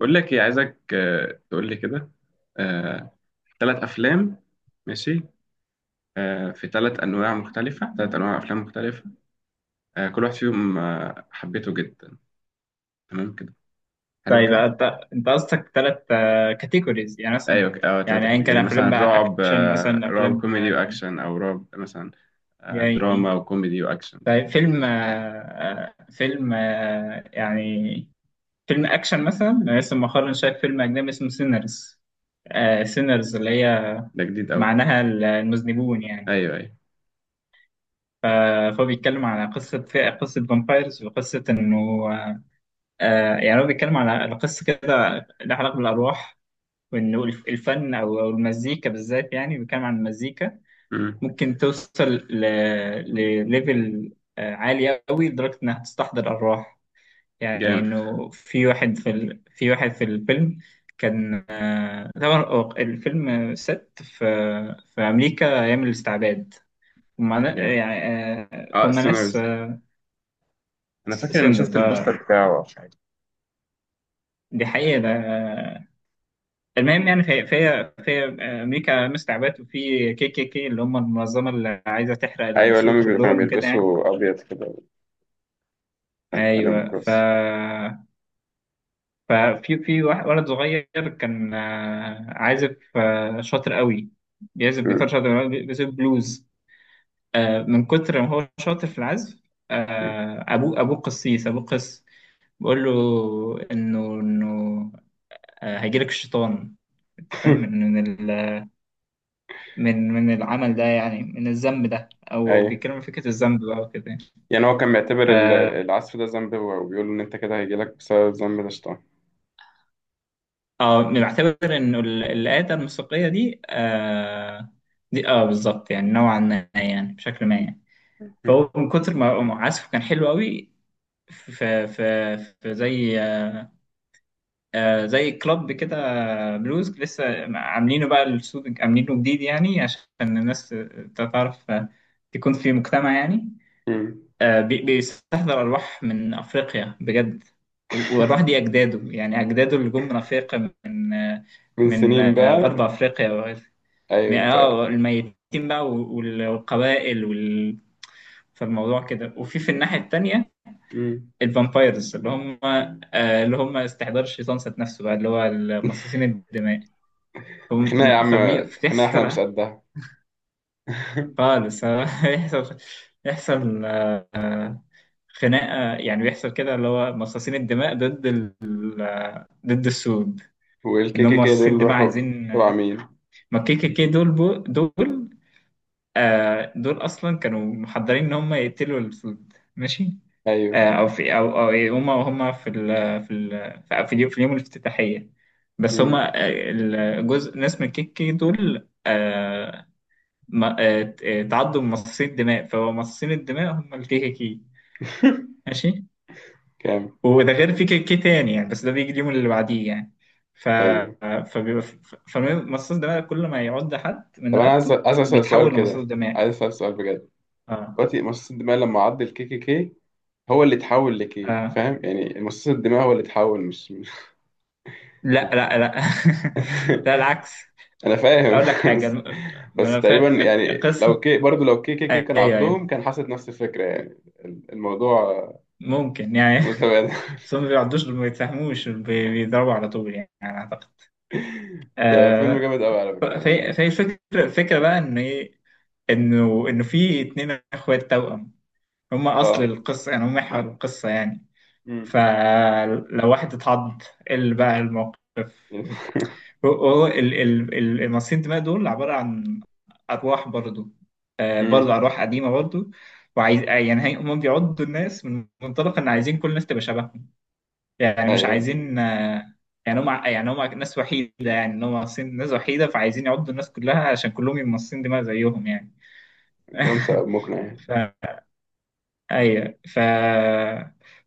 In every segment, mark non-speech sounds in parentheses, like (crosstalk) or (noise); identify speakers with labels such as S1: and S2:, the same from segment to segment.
S1: بقول لك ايه عايزك، تقول لي كده. ثلاث افلام. ماشي. في ثلاث انواع مختلفه، ثلاث انواع افلام مختلفه. كل واحد فيهم حبيته جدا. تمام كده. حلوه
S2: طيب
S1: كده.
S2: انت قصدك ثلاث كاتيجوريز، يعني
S1: ايوه،
S2: مثلا
S1: ثلاثه
S2: يعني ايا
S1: كده،
S2: كان
S1: يعني مثلا
S2: افلام بقى
S1: رعب،
S2: اكشن، مثلا
S1: رعب
S2: افلام
S1: كوميدي واكشن او رعب مثلا.
S2: يعني.
S1: دراما وكوميدي واكشن كده.
S2: طيب فيلم فيلم يعني فيلم اكشن مثلا. أنا لسه مؤخرا شايف فيلم اجنبي اسمه سينرز، سينرز اللي هي
S1: ده جديد قوي.
S2: معناها المذنبون يعني.
S1: ايوه، ايوه.
S2: ف- فهو بيتكلم على قصة، قصة فامبايرز، وقصة إنه آه، يعني هو بيتكلم على قصة كده لها علاقة بالأرواح، وانه الفن او المزيكا بالذات، يعني بنتكلم عن المزيكا
S1: مم.
S2: ممكن توصل ل- لليفل عالي قوي لدرجه انها تستحضر ارواح. يعني
S1: جامد.
S2: انه في واحد في ال... في واحد في الفيلم كان طبعا هو الفيلم ست في في امريكا ايام الاستعباد،
S1: جامد.
S2: يعني
S1: اه،
S2: فهم ناس
S1: سينرز. انا فاكر اني
S2: سنة
S1: شفت
S2: اه،
S1: البوستر بتاعه او حاجه.
S2: دي حقيقة ده. المهم يعني في في في امريكا مستعبات، وفي كي كي كي اللي هم المنظمه اللي عايزه تحرق
S1: ايوه، اللي هم
S2: السود
S1: كانوا
S2: كلهم وكده يعني.
S1: بيلبسوا ابيض كده، وكان عليهم
S2: ايوه، ف
S1: كروس.
S2: ففي في واحد ولد صغير كان عازف شاطر قوي، بيعزف جيتار
S1: مم.
S2: شاطر قوي، بيعزف بلوز. من كتر ما هو شاطر في العزف ابوه، قسيس، ابوه قس بيقول له انه هيجيلك الشيطان، انت فاهم،
S1: (laughs)
S2: من العمل ده يعني من الذنب ده. او
S1: ايوه،
S2: بيتكلموا في فكره الذنب بقى وكده يعني.
S1: يعني هو كان
S2: ف
S1: معتبر العسل ده ذنب، هو وبيقول ان انت كده هيجيلك بسبب الذنب ده شيطان.
S2: اه بنعتبر ان الآلة الموسيقيه دي دي اه بالظبط، يعني نوعا ما، يعني بشكل ما يعني.
S1: مم.
S2: فهو من كتر ما عزفه كان حلو قوي، في في في زي زي كلاب كده بلوز لسه عاملينه بقى الاستوديو، عاملينه جديد يعني عشان الناس تعرف تكون في مجتمع يعني.
S1: مم.
S2: بيستحضر أرواح من أفريقيا بجد، والأرواح دي أجداده، يعني أجداده اللي جم من أفريقيا، من
S1: من
S2: من
S1: سنين بقى.
S2: غرب أفريقيا وغيره،
S1: ايوه.
S2: الميتين بقى والقبائل وال... فالموضوع كده. وفي الناحية التانية
S1: مم.
S2: الفامبايرز اللي هم اللي هم استحضار الشيطان ذات نفسه بقى، اللي هو
S1: (laughs)
S2: مصاصين الدماء.
S1: خناقه يا عم، خناقه
S2: فبيحصل
S1: احنا مش قدها. (laughs)
S2: خالص. (laughs) بيحصل، يحصل خناقه يعني، بيحصل كده اللي هو مصاصين الدماء ضد ال... ضد السود، ان
S1: والكي
S2: هم
S1: كي كي
S2: مصاصين
S1: دول
S2: الدماء
S1: راحوا
S2: عايزين.
S1: تبع مين؟
S2: ما كي كي كي دول بو... دول آه دول اصلا كانوا محضرين ان هم يقتلوا السود ماشي.
S1: ايوه.
S2: آه او في او او إيه، هم في ال... في ال... في اليوم، اليوم الافتتاحيه، بس هم
S1: مم.
S2: الجزء ناس من كي كي دول آه ما... آه تعدوا من مصاصين الدماء، فهو مصاصين الدماء هم الكي كي كي
S1: (laughs)
S2: ماشي.
S1: كام؟
S2: وده غير في كيكي تاني يعني، بس ده بيجي اليوم اللي بعديه يعني. ف
S1: ايوه.
S2: فبيبقى فمصاص دماء كل ما يعض حد
S1: طب
S2: من
S1: انا عايز
S2: رقبته
S1: عايز اسال سؤال
S2: بيتحول لمصاص
S1: كده،
S2: دماء.
S1: عايز اسال سؤال بجد.
S2: اه
S1: دلوقتي مصاص الدماء لما عض الكي كي كي، هو اللي اتحول لكي،
S2: اه
S1: فاهم؟ يعني مصاص الدماء هو اللي اتحول، مش
S2: لا، لا. (laughs) لا العكس.
S1: (laughs) انا فاهم
S2: اقول لك
S1: (laughs)
S2: حاجه،
S1: بس بس تقريبا
S2: ملفات،
S1: يعني،
S2: قصه،
S1: لو كي كي كي كان
S2: ايوه
S1: عضهم
S2: ايوه
S1: كان حصلت نفس الفكره يعني. الموضوع
S2: ممكن يعني.
S1: متبادل. (laughs)
S2: (laughs) بس هم ما بيعضوش، ما بيتفهموش، بيضربوا على طول يعني، على اعتقد
S1: ده فيلم
S2: آه.
S1: جامد قوي على
S2: ف-
S1: فكره يعني.
S2: فهي فهي الفكره، الفكره بقى ان ايه، انه في اتنين اخوات توأم، هم اصل
S1: اه
S2: القصه يعني، هم محور القصه يعني.
S1: امم
S2: فلو واحد اتعض إيه اللي بقى الموقف.
S1: (laughs)
S2: هو المصاصين الدماء دول عباره عن ارواح برضو، برضو
S1: امم
S2: ارواح قديمه برضو. وعايز يعني هم بيعضوا الناس من منطلق ان عايزين كل الناس تبقى شبههم، يعني مش
S1: ايوه،
S2: عايزين يعني هم، يعني هم ناس وحيده، يعني ان هم مصاصين، ناس وحيده، فعايزين يعضوا الناس كلها عشان كلهم يبقوا مصاصين دماء زيهم يعني.
S1: عندهم
S2: (laughs)
S1: سبب مقنع يعني.
S2: ف ايوه ف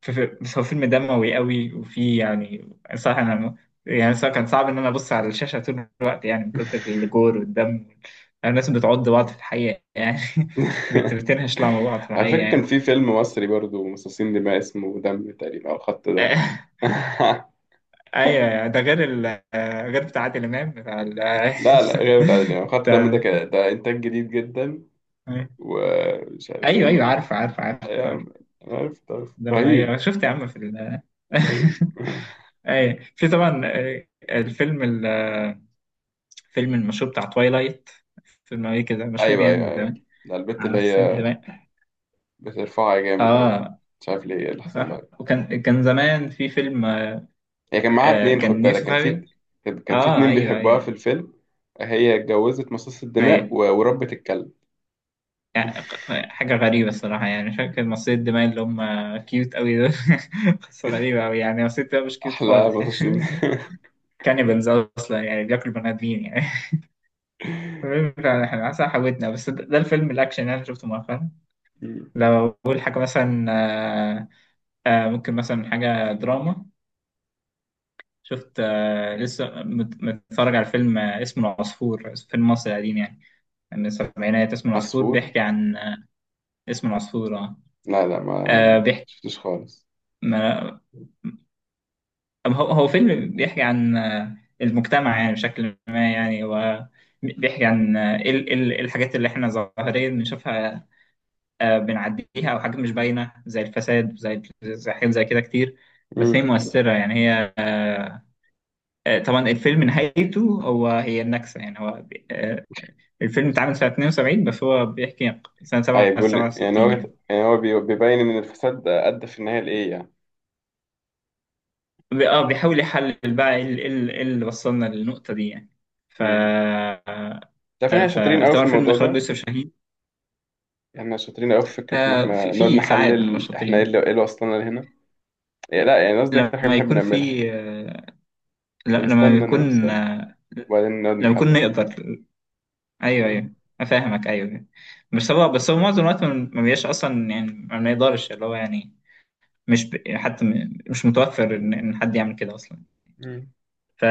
S2: بس هو فيلم دموي قوي، وفي يعني صح انا يعني صراحة كان صعب ان انا ابص على الشاشه طول الوقت يعني، من كتر الجور والدم. الناس بتعض بعض في الحقيقه يعني. (laughs)
S1: (laughs)
S2: بتنهش لعب بعض في
S1: على فكره
S2: الحقيقه
S1: كان
S2: يعني.
S1: في فيلم مصري برضه مصاصين دماء اسمه دم تقريبا او خط دم.
S2: (laughs)
S1: (laughs)
S2: ايوه ده غير ال، غير بتاع عادل امام بتاع ال
S1: لا، لا، غير بتاع
S2: (laughs)
S1: يعني خط دم،
S2: بتاع،
S1: ده كده، ده انتاج جديد جدا ومش عارف
S2: ايوه
S1: في.
S2: ايوه عارف، عارف عارف
S1: يا
S2: عارف
S1: عم، أنا عرفت، عرفت،
S2: دم ايوه
S1: رهيب.
S2: شفت يا عم في ال.
S1: رهيب.
S2: (laughs) ايوه في طبعا الفيلم، فيلم المشهور بتاع توايلايت، فيلم أمريكي كده مشهور
S1: أيوه،
S2: يعني
S1: أيوه،
S2: من
S1: أيوه،
S2: زمان،
S1: ده البت
S2: على
S1: اللي
S2: السيد
S1: هي
S2: دماء
S1: بترفعها جامد أوي،
S2: اه.
S1: مش عارف ليه، إيه اللي حصل
S2: صح،
S1: لها؟
S2: وكان زمان في فيلم
S1: هي كان معاها اتنين، خد
S2: كان
S1: بالك
S2: يوسف،
S1: كان في، كان في
S2: اه
S1: اتنين
S2: ايوه
S1: بيحبوها
S2: ايوه
S1: في الفيلم، هي اتجوزت مصاص الدماء
S2: ايوه.
S1: وربت الكلب.
S2: يعني
S1: (laughs)
S2: حاجة غريبة الصراحة، يعني فاكر مصرية الدماء اللي هم كيوت أوي دول. (laughs) قصة غريبة أوي يعني، مصرية الدماء مش كيوت
S1: أحلى
S2: خالص
S1: مصاصين.
S2: يعني.
S1: (laughs)
S2: (laughs) كانيبالز أصلا يعني، بياكلوا بني آدمين يعني. (laughs) المهم فعلا احنا حسن حاولتنا. بس ده الفيلم الأكشن اللي أنا شفته مؤخرا. لو أقول حاجة مثلا ممكن مثلا حاجة دراما. شفت لسه متفرج على فيلم اسمه العصفور، فيلم مصري قديم يعني من السبعينات، اسمه العصفور،
S1: عصفور.
S2: بيحكي عن اسمه العصفور اه.
S1: لا لا، ما
S2: بيحكي،
S1: شفتوش خالص.
S2: ما أم هو فيلم بيحكي عن المجتمع يعني بشكل ما، يعني هو بيحكي عن آه، ال ال الحاجات اللي احنا ظاهريا بنشوفها، بنعديها، او حاجات مش باينة، زي الفساد، زي حاجات زي كده كتير، بس هي
S1: مم.
S2: مؤثرة يعني. هي طبعا الفيلم نهايته هي النكسة يعني. هو الفيلم اتعمل سنة 72 بس هو بيحكي سنة
S1: أي،
S2: 7
S1: بيقول يعني هو،
S2: 67 يعني.
S1: يعني هو بيبين إن الفساد أدى في النهاية لإيه يعني.
S2: اه بيحاول يحلل بقى ايه إيه اللي وصلنا للنقطة دي يعني. ف
S1: مم. تعرف إن احنا شاطرين أوي في
S2: فطبعا فيلم
S1: الموضوع
S2: إخراج
S1: ده؟
S2: يوسف شاهين.
S1: احنا شاطرين قوي في فكره ان احنا
S2: في
S1: نقعد
S2: ساعات من
S1: نحلل، احنا
S2: المشاطرين
S1: ايه اللي وصلنا لهنا، يعني لا، يعني قصدي
S2: لما
S1: اكتر حاجه بنحب
S2: يكون
S1: نعملها يعني.
S2: في لما
S1: بنستنى
S2: يكون
S1: نوصل وبعدين نقعد
S2: لما يكون
S1: نحلل.
S2: نقدر. ايوه
S1: مم.
S2: ايوه افهمك ايوه. بس هو معظم الوقت ما بيبقاش اصلا يعني، ما بنقدرش اللي هو يعني. مش ب... حتى مش متوفر ان إن حد يعمل كده اصلا.
S1: مم.
S2: ف...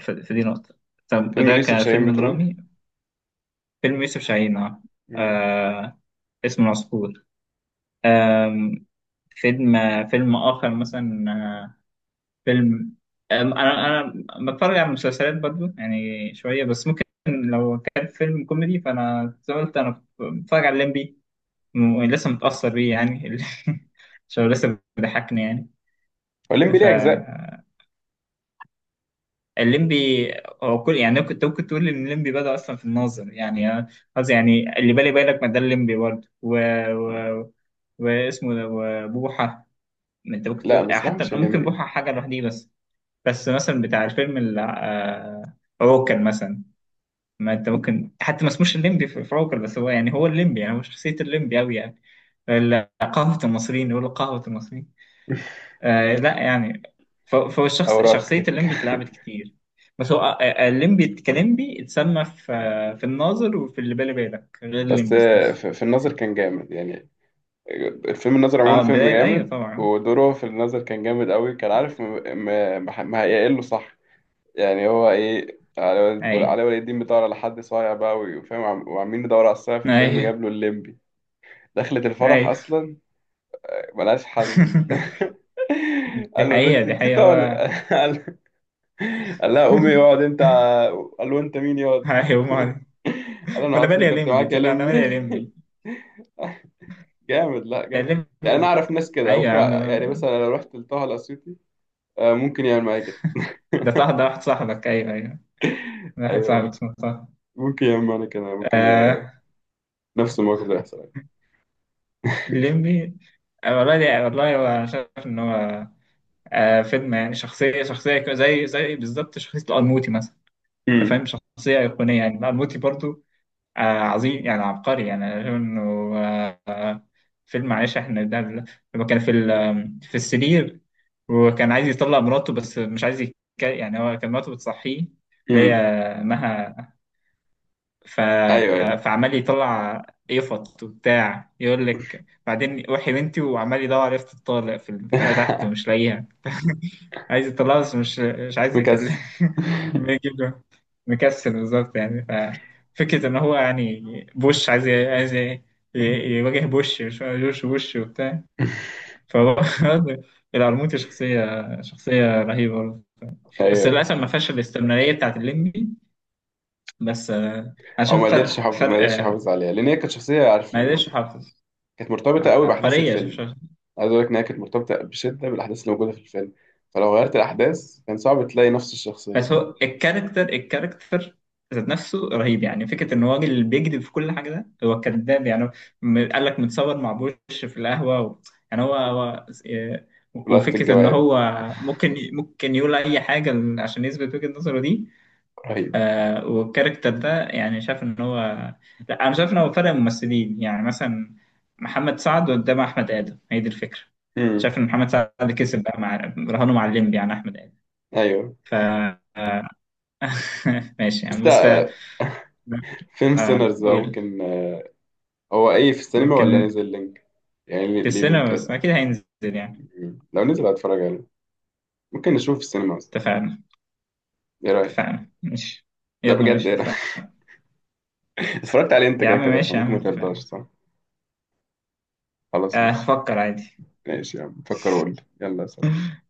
S2: ف... فدي نقطة. طب
S1: فيلم
S2: ده
S1: ليوسف شاهين
S2: كفيلم
S1: بتقول؟
S2: درامي، فيلم يوسف شاهين اه،
S1: مم.
S2: آه، اسمه العصفور. آم، فيلم، فيلم آخر مثلا فيلم آم، أنا أنا بتفرج على مسلسلات برضو يعني شوية، بس ممكن لو كان فيلم كوميدي فأنا زي ما قلت أنا بتفرج على الليمبي، لسه متأثر بيه يعني. (laughs) عشان هو لسه بيضحكني يعني.
S1: هو الليمبي
S2: ف
S1: ليه اجزاء؟
S2: الليمبي، هو كل يعني كنت ممكن تقول ان الليمبي بدأ اصلا في الناظر يعني، قصدي يعني اللي بالي بالك، ما ده الليمبي برضه و... و... واسمه ده وبوحة. ما انت ممكن
S1: لا،
S2: تقول
S1: بس بقى
S2: حتى
S1: مش
S2: ممكن
S1: الليمبي.
S2: بوحة حاجة لوحديه. بس بس مثلا بتاع الفيلم عوكل مثلا، ما انت ممكن حتى ما اسموش الليمبي في عوكل، بس هو يعني هو الليمبي يعني، هو شخصية الليمبي أوي يعني. قهوة المصريين، يقولوا قهوة المصريين.
S1: (laughs)
S2: آه لا يعني. فهو الشخص، شخصية
S1: اوراقك.
S2: الليمبي اتلعبت كتير، بس هو الليمبي كليمبي اتسمى في في الناظر وفي اللي بالي بالك
S1: (laughs)
S2: غير
S1: بس
S2: الليمبي نفسه.
S1: في النظر كان جامد يعني. الفيلم النظر عموما
S2: اه
S1: فيلم
S2: بداية ايوه
S1: جامد.
S2: طبعا.
S1: ودوره في النظر كان جامد قوي، كان عارف ما هيقله صح. يعني هو ايه،
S2: ايوه
S1: علي ولي الدين بيدور على حد صايع بقى وفاهم، وعمالين ندور على الصايع في الفيلم،
S2: ايوه
S1: جاب له الليمبي دخلة الفرح
S2: ايوه
S1: اصلا، ملهاش حل. (laughs)
S2: (laughs) دي
S1: قال له
S2: حقيقة
S1: البنت
S2: دي
S1: انت
S2: حقيقة
S1: طالق.
S2: هو.
S1: (laughs) قال، قال لها قومي اقعد
S2: (laughs)
S1: انت، قال له انت مين يقعد،
S2: ايوه
S1: (laughs)
S2: ما،
S1: قال له انا
S2: وانا
S1: قعدت في
S2: مالي يا
S1: اللي كنت
S2: ليمبي،
S1: معاك يا
S2: تقول له انا مالي يا
S1: لمي.
S2: ليمبي،
S1: (laughs) جامد، لا
S2: يا
S1: جامد. يعني انا
S2: ليمبي.
S1: اعرف ناس كده،
S2: ايوه
S1: ممكن
S2: يا
S1: يعني
S2: عم،
S1: مثلا لو رحت لطه الاسيوطي، ممكن يعمل معايا كده.
S2: ده طه، ده واحد صاحبك، ايوه ده واحد صاحبك
S1: ايوه،
S2: اسمه طه.
S1: ممكن يعمل معايا كده، ممكن
S2: آه
S1: نفس الموقف ده يحصل.
S2: الليمبي. والله والله، هو شايف ان هو فيلم يعني زي بالظبط شخصية القرموطي مثلا. أنت فاهم،
S1: (laughs)
S2: شخصية أيقونية يعني، القرموطي برضو عظيم يعني، عبقري يعني. أنا شايف إنه آه آه، فيلم، معلش إحنا ده لما كان في السرير وكان عايز يطلع مراته، بس مش عايز يعني هو كان مراته بتصحيه، اللي هي
S1: مم.
S2: مها. ف...
S1: ايوه، ايوه.
S2: فعمال يطلع يفط وبتاع، يقول لك بعدين وحي بنتي، وعمال يدور على يفط الطالق في البتاع تحت ومش
S1: (laughs)
S2: لاقيها. عايز يطلعه بس مش عايز يكلم. (laughs)
S1: مكسل.
S2: بيجيب له، مكسل بالظبط يعني. ففكرة إن هو يعني بوش، ي- يواجه بوش، مش عارف، جورج بوش وبتاع. فهو (laughs) القرموطي شخصية، شخصية رهيبة برضه، بس
S1: ايوه،
S2: للأسف ما فيهاش الاستمرارية بتاعت الليمبي. بس أنا
S1: هو
S2: شايف
S1: ما قدرش
S2: فرق،
S1: يحافظ، ما قدرش يحافظ عليها، لان هي كانت شخصيه، عارف،
S2: ما قدرش يحافظ،
S1: كانت مرتبطه قوي باحداث
S2: عبقرية.
S1: الفيلم. عايز اقول لك ان هي كانت مرتبطه بشده بالاحداث اللي موجوده في الفيلم، فلو غيرت الاحداث كان صعب تلاقي نفس الشخصيه.
S2: بس هو الكاركتر، الكاركتر ذات نفسه رهيب يعني، فكرة إن هو راجل بيكذب في كل حاجة، ده هو كذاب يعني. هو قال لك متصور مع بوش في القهوة و... يعني هو، هو آه،
S1: لقطه
S2: وفكرة إن
S1: الجواب.
S2: هو ممكن يقول أي حاجة عشان يثبت وجهة نظره دي.
S1: رهيب.
S2: آه والكاركتر ده يعني شايف إن هو، لا أنا شايف إن هو فرق ممثلين يعني، مثلا محمد سعد قدام أحمد آدم، هي دي الفكرة.
S1: امم
S2: شايف إن محمد سعد كسب بقى مع رهانه مع الليمبي يعني أحمد آدم.
S1: ايوه،
S2: ف آه، (laughs) ماشي يعني.
S1: بس
S2: بس
S1: لا، فيلم
S2: اه
S1: سينرز ده
S2: قول،
S1: ممكن، هو ايه، في السينما ولا
S2: ممكن،
S1: نزل لينك؟ يعني ليه
S2: في
S1: لينك
S2: السينما بس
S1: كده؟
S2: اكيد هينزل يعني.
S1: مم. لو نزل هتفرج عليه، ممكن نشوفه في السينما اصلا؟
S2: اتفقنا،
S1: ايه رايك؟
S2: اتفقنا ماشي،
S1: لا
S2: يلا
S1: بجد،
S2: ماشي
S1: ايه رايك؟ (laughs)
S2: اتفقنا،
S1: اتفرجت عليه انت
S2: يا
S1: كده
S2: عم
S1: كده،
S2: ماشي يا
S1: فممكن
S2: عم
S1: ما
S2: اتفقنا.
S1: ترضاش. خلاص
S2: آه
S1: ماشي.
S2: هفكر عادي.
S1: ماشي يا عم، فكر وقول لي. يلا سلام.
S2: (laughs)